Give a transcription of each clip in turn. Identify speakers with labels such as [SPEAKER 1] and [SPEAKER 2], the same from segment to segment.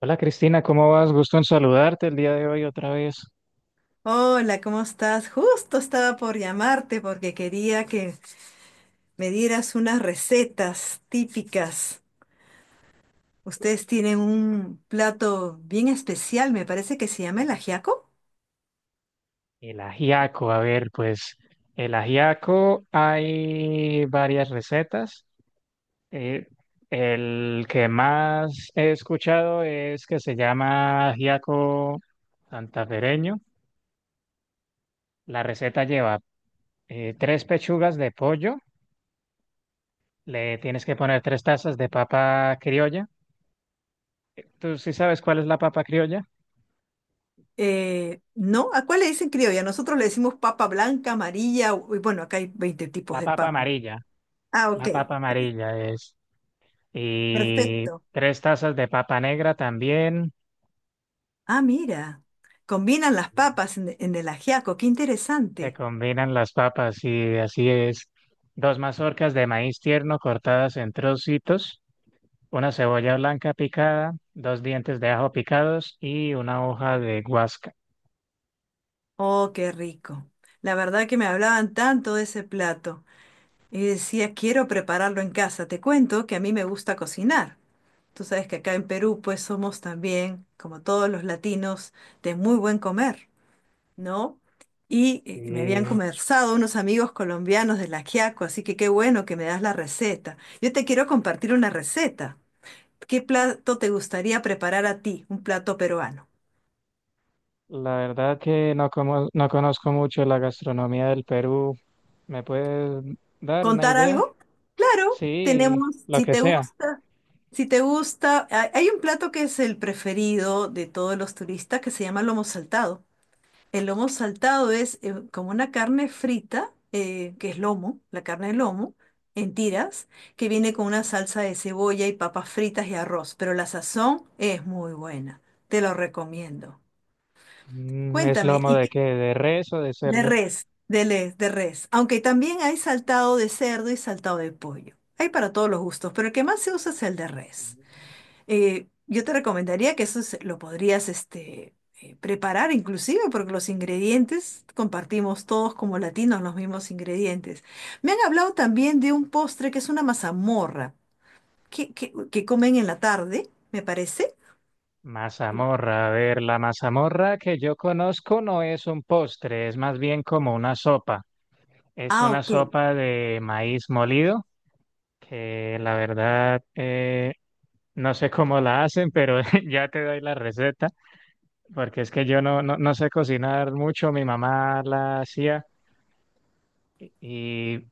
[SPEAKER 1] Hola Cristina, ¿cómo vas? Gusto en saludarte el día de hoy otra vez.
[SPEAKER 2] Hola, ¿cómo estás? Justo estaba por llamarte porque quería que me dieras unas recetas típicas. Ustedes tienen un plato bien especial, me parece que se llama el ajiaco.
[SPEAKER 1] El ajiaco, a ver, pues el ajiaco hay varias recetas. Eh, el que más he escuchado es que se llama ajiaco santafereño. La receta lleva tres pechugas de pollo, le tienes que poner 3 tazas de papa criolla. ¿Tú sí sabes cuál es la papa criolla?
[SPEAKER 2] ¿No? ¿A cuál le dicen criolla? Nosotros le decimos papa blanca, amarilla, y bueno, acá hay 20 tipos
[SPEAKER 1] La
[SPEAKER 2] de
[SPEAKER 1] papa
[SPEAKER 2] papa.
[SPEAKER 1] amarilla.
[SPEAKER 2] Ah, ok,
[SPEAKER 1] La papa amarilla es, y
[SPEAKER 2] perfecto.
[SPEAKER 1] 3 tazas de papa negra también.
[SPEAKER 2] Ah, mira, combinan las papas en el ajiaco, qué
[SPEAKER 1] Se
[SPEAKER 2] interesante.
[SPEAKER 1] combinan las papas y así es. Dos mazorcas de maíz tierno cortadas en trocitos, una cebolla blanca picada, dos dientes de ajo picados y una hoja de guasca.
[SPEAKER 2] Oh, qué rico. La verdad que me hablaban tanto de ese plato. Y decía, quiero prepararlo en casa. Te cuento que a mí me gusta cocinar. Tú sabes que acá en Perú, pues somos también, como todos los latinos, de muy buen comer, ¿no? Y me habían
[SPEAKER 1] Y
[SPEAKER 2] conversado unos amigos colombianos del ajiaco, así que qué bueno que me das la receta. Yo te quiero compartir una receta. ¿Qué plato te gustaría preparar a ti? Un plato peruano.
[SPEAKER 1] la verdad que no, como, no conozco mucho la gastronomía del Perú. ¿Me puedes dar una
[SPEAKER 2] ¿Contar
[SPEAKER 1] idea?
[SPEAKER 2] algo? Claro,
[SPEAKER 1] Sí,
[SPEAKER 2] tenemos,
[SPEAKER 1] lo
[SPEAKER 2] si
[SPEAKER 1] que
[SPEAKER 2] te
[SPEAKER 1] sea.
[SPEAKER 2] gusta, si te gusta, hay un plato que es el preferido de todos los turistas que se llama lomo saltado. El lomo saltado es como una carne frita, que es lomo, la carne de lomo, en tiras, que viene con una salsa de cebolla y papas fritas y arroz, pero la sazón es muy buena. Te lo recomiendo.
[SPEAKER 1] Mm, ¿es
[SPEAKER 2] Cuéntame,
[SPEAKER 1] lomo
[SPEAKER 2] ¿y
[SPEAKER 1] de qué?
[SPEAKER 2] qué?
[SPEAKER 1] ¿De res o de
[SPEAKER 2] De
[SPEAKER 1] cerdo?
[SPEAKER 2] res, de res. Aunque también hay saltado de cerdo y saltado de pollo. Hay para todos los gustos, pero el que más se usa es el de res. Yo te recomendaría que lo podrías preparar inclusive porque los ingredientes compartimos todos como latinos los mismos ingredientes. Me han hablado también de un postre que es una mazamorra que comen en la tarde, me parece. Sí.
[SPEAKER 1] Mazamorra, a ver, la mazamorra que yo conozco no es un postre, es más bien como una sopa. Es
[SPEAKER 2] Ah,
[SPEAKER 1] una
[SPEAKER 2] ok.
[SPEAKER 1] sopa de maíz molido, que la verdad no sé cómo la hacen, pero ya te doy la receta, porque es que yo no sé cocinar mucho, mi mamá la hacía, y,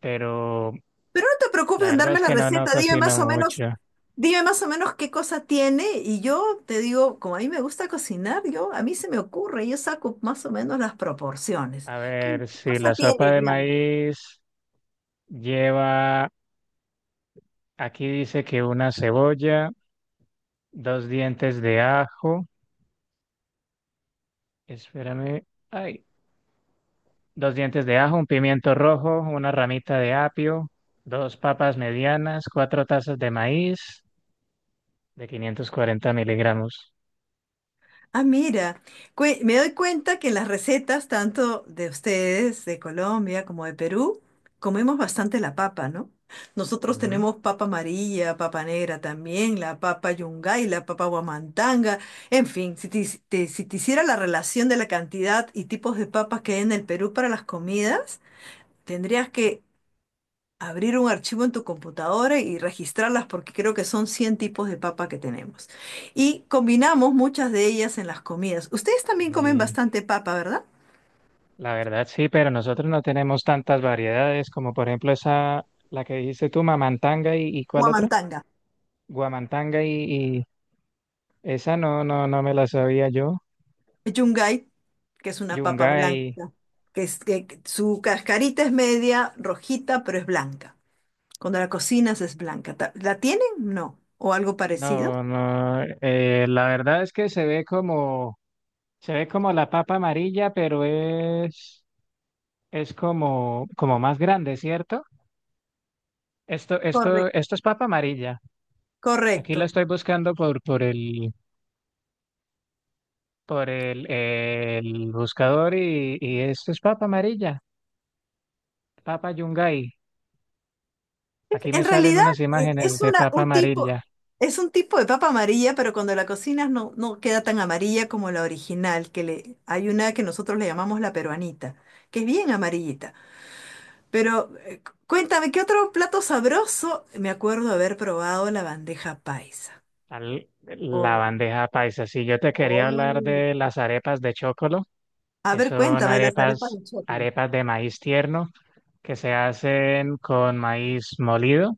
[SPEAKER 1] pero
[SPEAKER 2] Pero no te
[SPEAKER 1] la
[SPEAKER 2] preocupes en
[SPEAKER 1] verdad
[SPEAKER 2] darme
[SPEAKER 1] es
[SPEAKER 2] la
[SPEAKER 1] que no, no
[SPEAKER 2] receta, dime
[SPEAKER 1] cocino
[SPEAKER 2] más o menos.
[SPEAKER 1] mucho.
[SPEAKER 2] Dime más o menos qué cosa tiene y yo te digo, como a mí me gusta cocinar, yo a mí se me ocurre, yo saco más o menos las proporciones.
[SPEAKER 1] A
[SPEAKER 2] ¿Qué
[SPEAKER 1] ver, si
[SPEAKER 2] cosa
[SPEAKER 1] la sopa
[SPEAKER 2] tiene,
[SPEAKER 1] de
[SPEAKER 2] digamos?
[SPEAKER 1] maíz lleva, aquí dice que una cebolla, dos dientes de ajo, espérame, ay, dos dientes de ajo, un pimiento rojo, una ramita de apio, dos papas medianas, 4 tazas de maíz de 540 miligramos.
[SPEAKER 2] Ah, mira, me doy cuenta que en las recetas, tanto de ustedes, de Colombia como de Perú, comemos bastante la papa, ¿no? Nosotros
[SPEAKER 1] Ujú.
[SPEAKER 2] tenemos papa amarilla, papa negra también, la papa yungay, la papa guamantanga, en fin, si te hiciera la relación de la cantidad y tipos de papas que hay en el Perú para las comidas, tendrías que abrir un archivo en tu computadora y registrarlas porque creo que son 100 tipos de papa que tenemos. Y combinamos muchas de ellas en las comidas. Ustedes también comen
[SPEAKER 1] Y
[SPEAKER 2] bastante papa, ¿verdad?
[SPEAKER 1] la verdad sí, pero nosotros no tenemos tantas variedades como por ejemplo esa, la que dijiste tú, mamantanga y ¿cuál otra?
[SPEAKER 2] Huamantanga,
[SPEAKER 1] Guamantanga y esa no me la sabía yo.
[SPEAKER 2] yungay, que es una papa blanca,
[SPEAKER 1] Yungay,
[SPEAKER 2] que su cascarita es media rojita, pero es blanca. Cuando la cocinas es blanca. ¿La tienen? No. ¿O algo parecido?
[SPEAKER 1] no, no, la verdad es que se ve como... Se ve como la papa amarilla, pero como más grande, ¿cierto? Esto, esto,
[SPEAKER 2] Correcto.
[SPEAKER 1] esto es papa amarilla. Aquí lo
[SPEAKER 2] Correcto.
[SPEAKER 1] estoy buscando por el buscador y esto es papa amarilla, papa yungay. Aquí me
[SPEAKER 2] En
[SPEAKER 1] salen
[SPEAKER 2] realidad
[SPEAKER 1] unas imágenes
[SPEAKER 2] es
[SPEAKER 1] de papa
[SPEAKER 2] un tipo,
[SPEAKER 1] amarilla.
[SPEAKER 2] es un tipo de papa amarilla, pero cuando la cocinas no queda tan amarilla como la original, hay una que nosotros le llamamos la peruanita, que es bien amarillita. Pero cuéntame, ¿qué otro plato sabroso? Me acuerdo haber probado la bandeja paisa.
[SPEAKER 1] La
[SPEAKER 2] Oh,
[SPEAKER 1] bandeja paisa. Si yo te quería hablar
[SPEAKER 2] oh.
[SPEAKER 1] de las arepas de chocolo,
[SPEAKER 2] A
[SPEAKER 1] que
[SPEAKER 2] ver,
[SPEAKER 1] son
[SPEAKER 2] cuéntame las arepas
[SPEAKER 1] arepas,
[SPEAKER 2] de choclo.
[SPEAKER 1] arepas de maíz tierno que se hacen con maíz molido.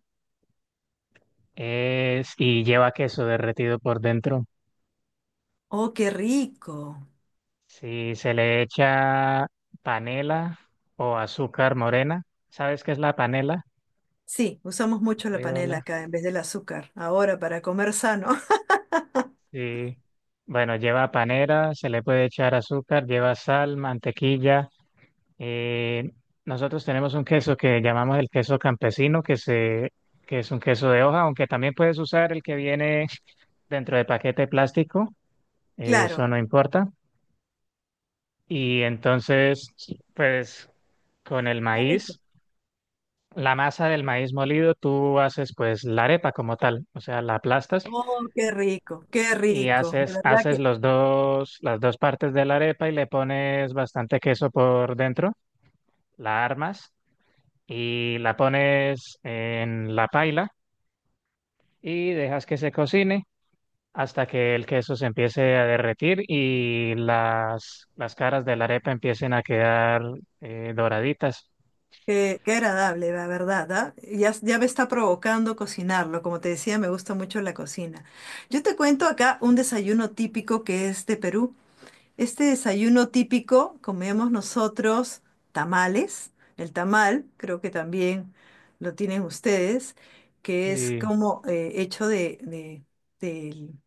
[SPEAKER 1] Y lleva queso derretido por dentro.
[SPEAKER 2] Oh, qué rico.
[SPEAKER 1] Si se le echa panela o azúcar morena, ¿sabes qué es la panela?
[SPEAKER 2] Sí, usamos mucho
[SPEAKER 1] ¿Has
[SPEAKER 2] la
[SPEAKER 1] oído
[SPEAKER 2] panela
[SPEAKER 1] hablar?
[SPEAKER 2] acá en vez del azúcar, ahora para comer sano.
[SPEAKER 1] Sí. Bueno, lleva panela, se le puede echar azúcar, lleva sal, mantequilla. Eh, Nosotros tenemos un queso que llamamos el queso campesino, que es un queso de hoja, aunque también puedes usar el que viene dentro de paquete plástico,
[SPEAKER 2] Claro.
[SPEAKER 1] eso no importa. Y entonces, pues con el
[SPEAKER 2] Qué rico.
[SPEAKER 1] maíz, la masa del maíz molido, tú haces pues la arepa como tal, o sea, la aplastas
[SPEAKER 2] Oh, qué rico, qué
[SPEAKER 1] y
[SPEAKER 2] rico. De
[SPEAKER 1] haces,
[SPEAKER 2] verdad
[SPEAKER 1] haces
[SPEAKER 2] que,
[SPEAKER 1] los dos, las dos partes de la arepa y le pones bastante queso por dentro, la armas y la pones en la paila y dejas que se cocine hasta que el queso se empiece a derretir y las caras de la arepa empiecen a quedar doraditas.
[SPEAKER 2] qué agradable, la verdad, ¿ah? Ya, ya me está provocando cocinarlo. Como te decía, me gusta mucho la cocina. Yo te cuento acá un desayuno típico que es de Perú. Este desayuno típico comemos nosotros tamales. El tamal, creo que también lo tienen ustedes, que es
[SPEAKER 1] Y
[SPEAKER 2] como hecho del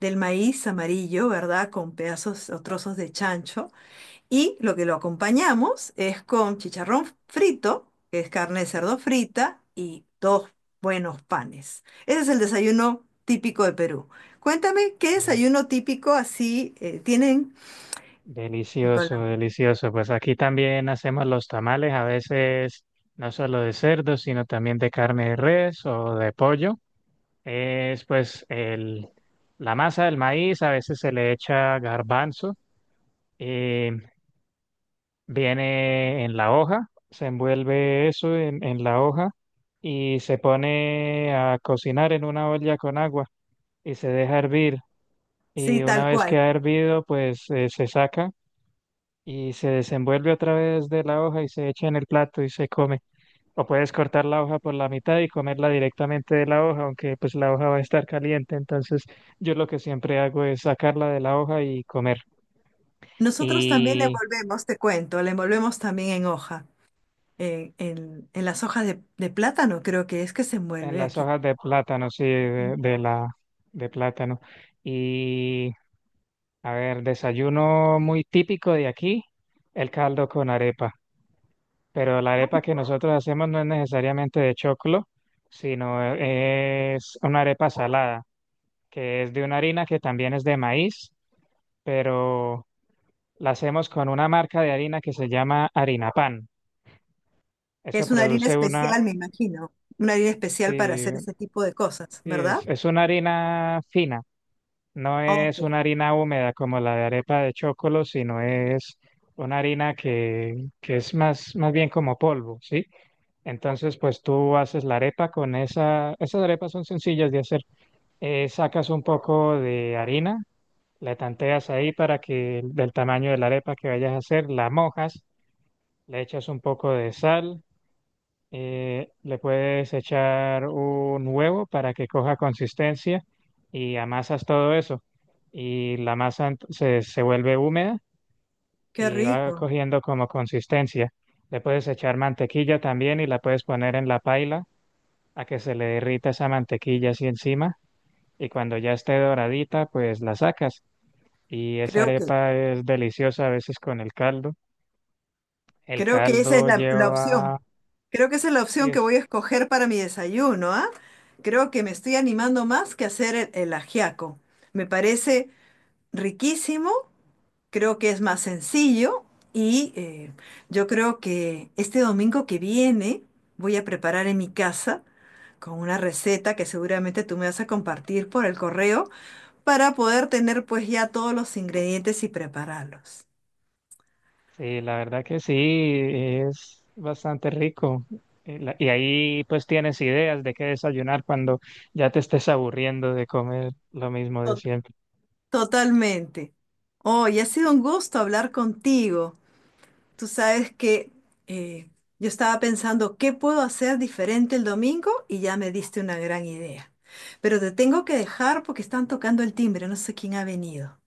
[SPEAKER 2] del maíz amarillo, ¿verdad? Con pedazos o trozos de chancho. Y lo que lo acompañamos es con chicharrón frito, que es carne de cerdo frita, y dos buenos panes. Ese es el desayuno típico de Perú. Cuéntame, ¿qué desayuno típico así tienen en Colombia?
[SPEAKER 1] Delicioso, delicioso. Pues aquí también hacemos los tamales, a veces no solo de cerdo, sino también de carne de res o de pollo. Es pues el, la masa del maíz, a veces se le echa garbanzo, eh, viene en la hoja, se envuelve eso en la hoja y se pone a cocinar en una olla con agua y se deja hervir.
[SPEAKER 2] Sí,
[SPEAKER 1] Y
[SPEAKER 2] tal
[SPEAKER 1] una vez que
[SPEAKER 2] cual.
[SPEAKER 1] ha hervido, pues se saca y se desenvuelve a través de la hoja y se echa en el plato y se come. O puedes cortar la hoja por la mitad y comerla directamente de la hoja, aunque pues la hoja va a estar caliente. Entonces yo lo que siempre hago es sacarla de la hoja y comer.
[SPEAKER 2] Nosotros también le
[SPEAKER 1] Y
[SPEAKER 2] envolvemos, te cuento, le envolvemos también en hoja, en las hojas de plátano, creo que es que se
[SPEAKER 1] en
[SPEAKER 2] envuelve
[SPEAKER 1] las
[SPEAKER 2] aquí.
[SPEAKER 1] hojas de plátano, sí, de plátano. Y a ver, desayuno muy típico de aquí, el caldo con arepa. Pero la arepa que nosotros hacemos no es necesariamente de choclo, sino es una arepa salada, que es de una harina que también es de maíz, pero la hacemos con una marca de harina que se llama harina Pan. Eso
[SPEAKER 2] Es una harina
[SPEAKER 1] produce una,
[SPEAKER 2] especial, me imagino, una harina especial para hacer
[SPEAKER 1] sí,
[SPEAKER 2] ese tipo de cosas,
[SPEAKER 1] sí,
[SPEAKER 2] ¿verdad?
[SPEAKER 1] es una harina fina, no
[SPEAKER 2] Ah, ok,
[SPEAKER 1] es una harina húmeda como la de arepa de choclo, sino es una harina que es más bien como polvo, ¿sí? Entonces, pues tú haces la arepa con esa, esas arepas son sencillas de hacer. Sacas un poco de harina, la tanteas ahí para que del tamaño de la arepa que vayas a hacer, la mojas, le echas un poco de sal, le puedes echar un huevo para que coja consistencia y amasas todo eso. Y la masa se vuelve húmeda
[SPEAKER 2] qué
[SPEAKER 1] y va
[SPEAKER 2] rico.
[SPEAKER 1] cogiendo como consistencia. Le puedes echar mantequilla también y la puedes poner en la paila a que se le derrita esa mantequilla así encima y cuando ya esté doradita, pues la sacas. Y esa
[SPEAKER 2] Creo que,
[SPEAKER 1] arepa es deliciosa a veces con el caldo. El
[SPEAKER 2] creo que esa es
[SPEAKER 1] caldo
[SPEAKER 2] la opción.
[SPEAKER 1] lleva...
[SPEAKER 2] Creo que esa es la
[SPEAKER 1] y
[SPEAKER 2] opción que
[SPEAKER 1] es-
[SPEAKER 2] voy a escoger para mi desayuno, ¿ah? Creo que me estoy animando más que hacer el ajiaco. Me parece riquísimo, creo que es más sencillo y yo creo que este domingo que viene voy a preparar en mi casa con una receta que seguramente tú me vas a compartir por el correo para poder tener pues ya todos los ingredientes y prepararlos.
[SPEAKER 1] Sí, la verdad que sí, es bastante rico. Y ahí pues tienes ideas de qué desayunar cuando ya te estés aburriendo de comer lo mismo de siempre.
[SPEAKER 2] Totalmente. Hoy ha sido un gusto hablar contigo. Tú sabes que eh, yo estaba pensando qué puedo hacer diferente el domingo y ya me diste una gran idea. Pero te tengo que dejar porque están tocando el timbre, no sé quién ha venido.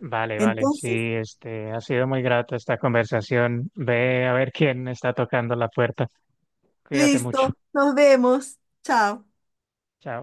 [SPEAKER 1] Vale, vale, sí,
[SPEAKER 2] Entonces,
[SPEAKER 1] ha sido muy grata esta conversación. Ve a ver quién está tocando la puerta. Cuídate mucho.
[SPEAKER 2] listo, nos vemos. Chao.
[SPEAKER 1] Chao.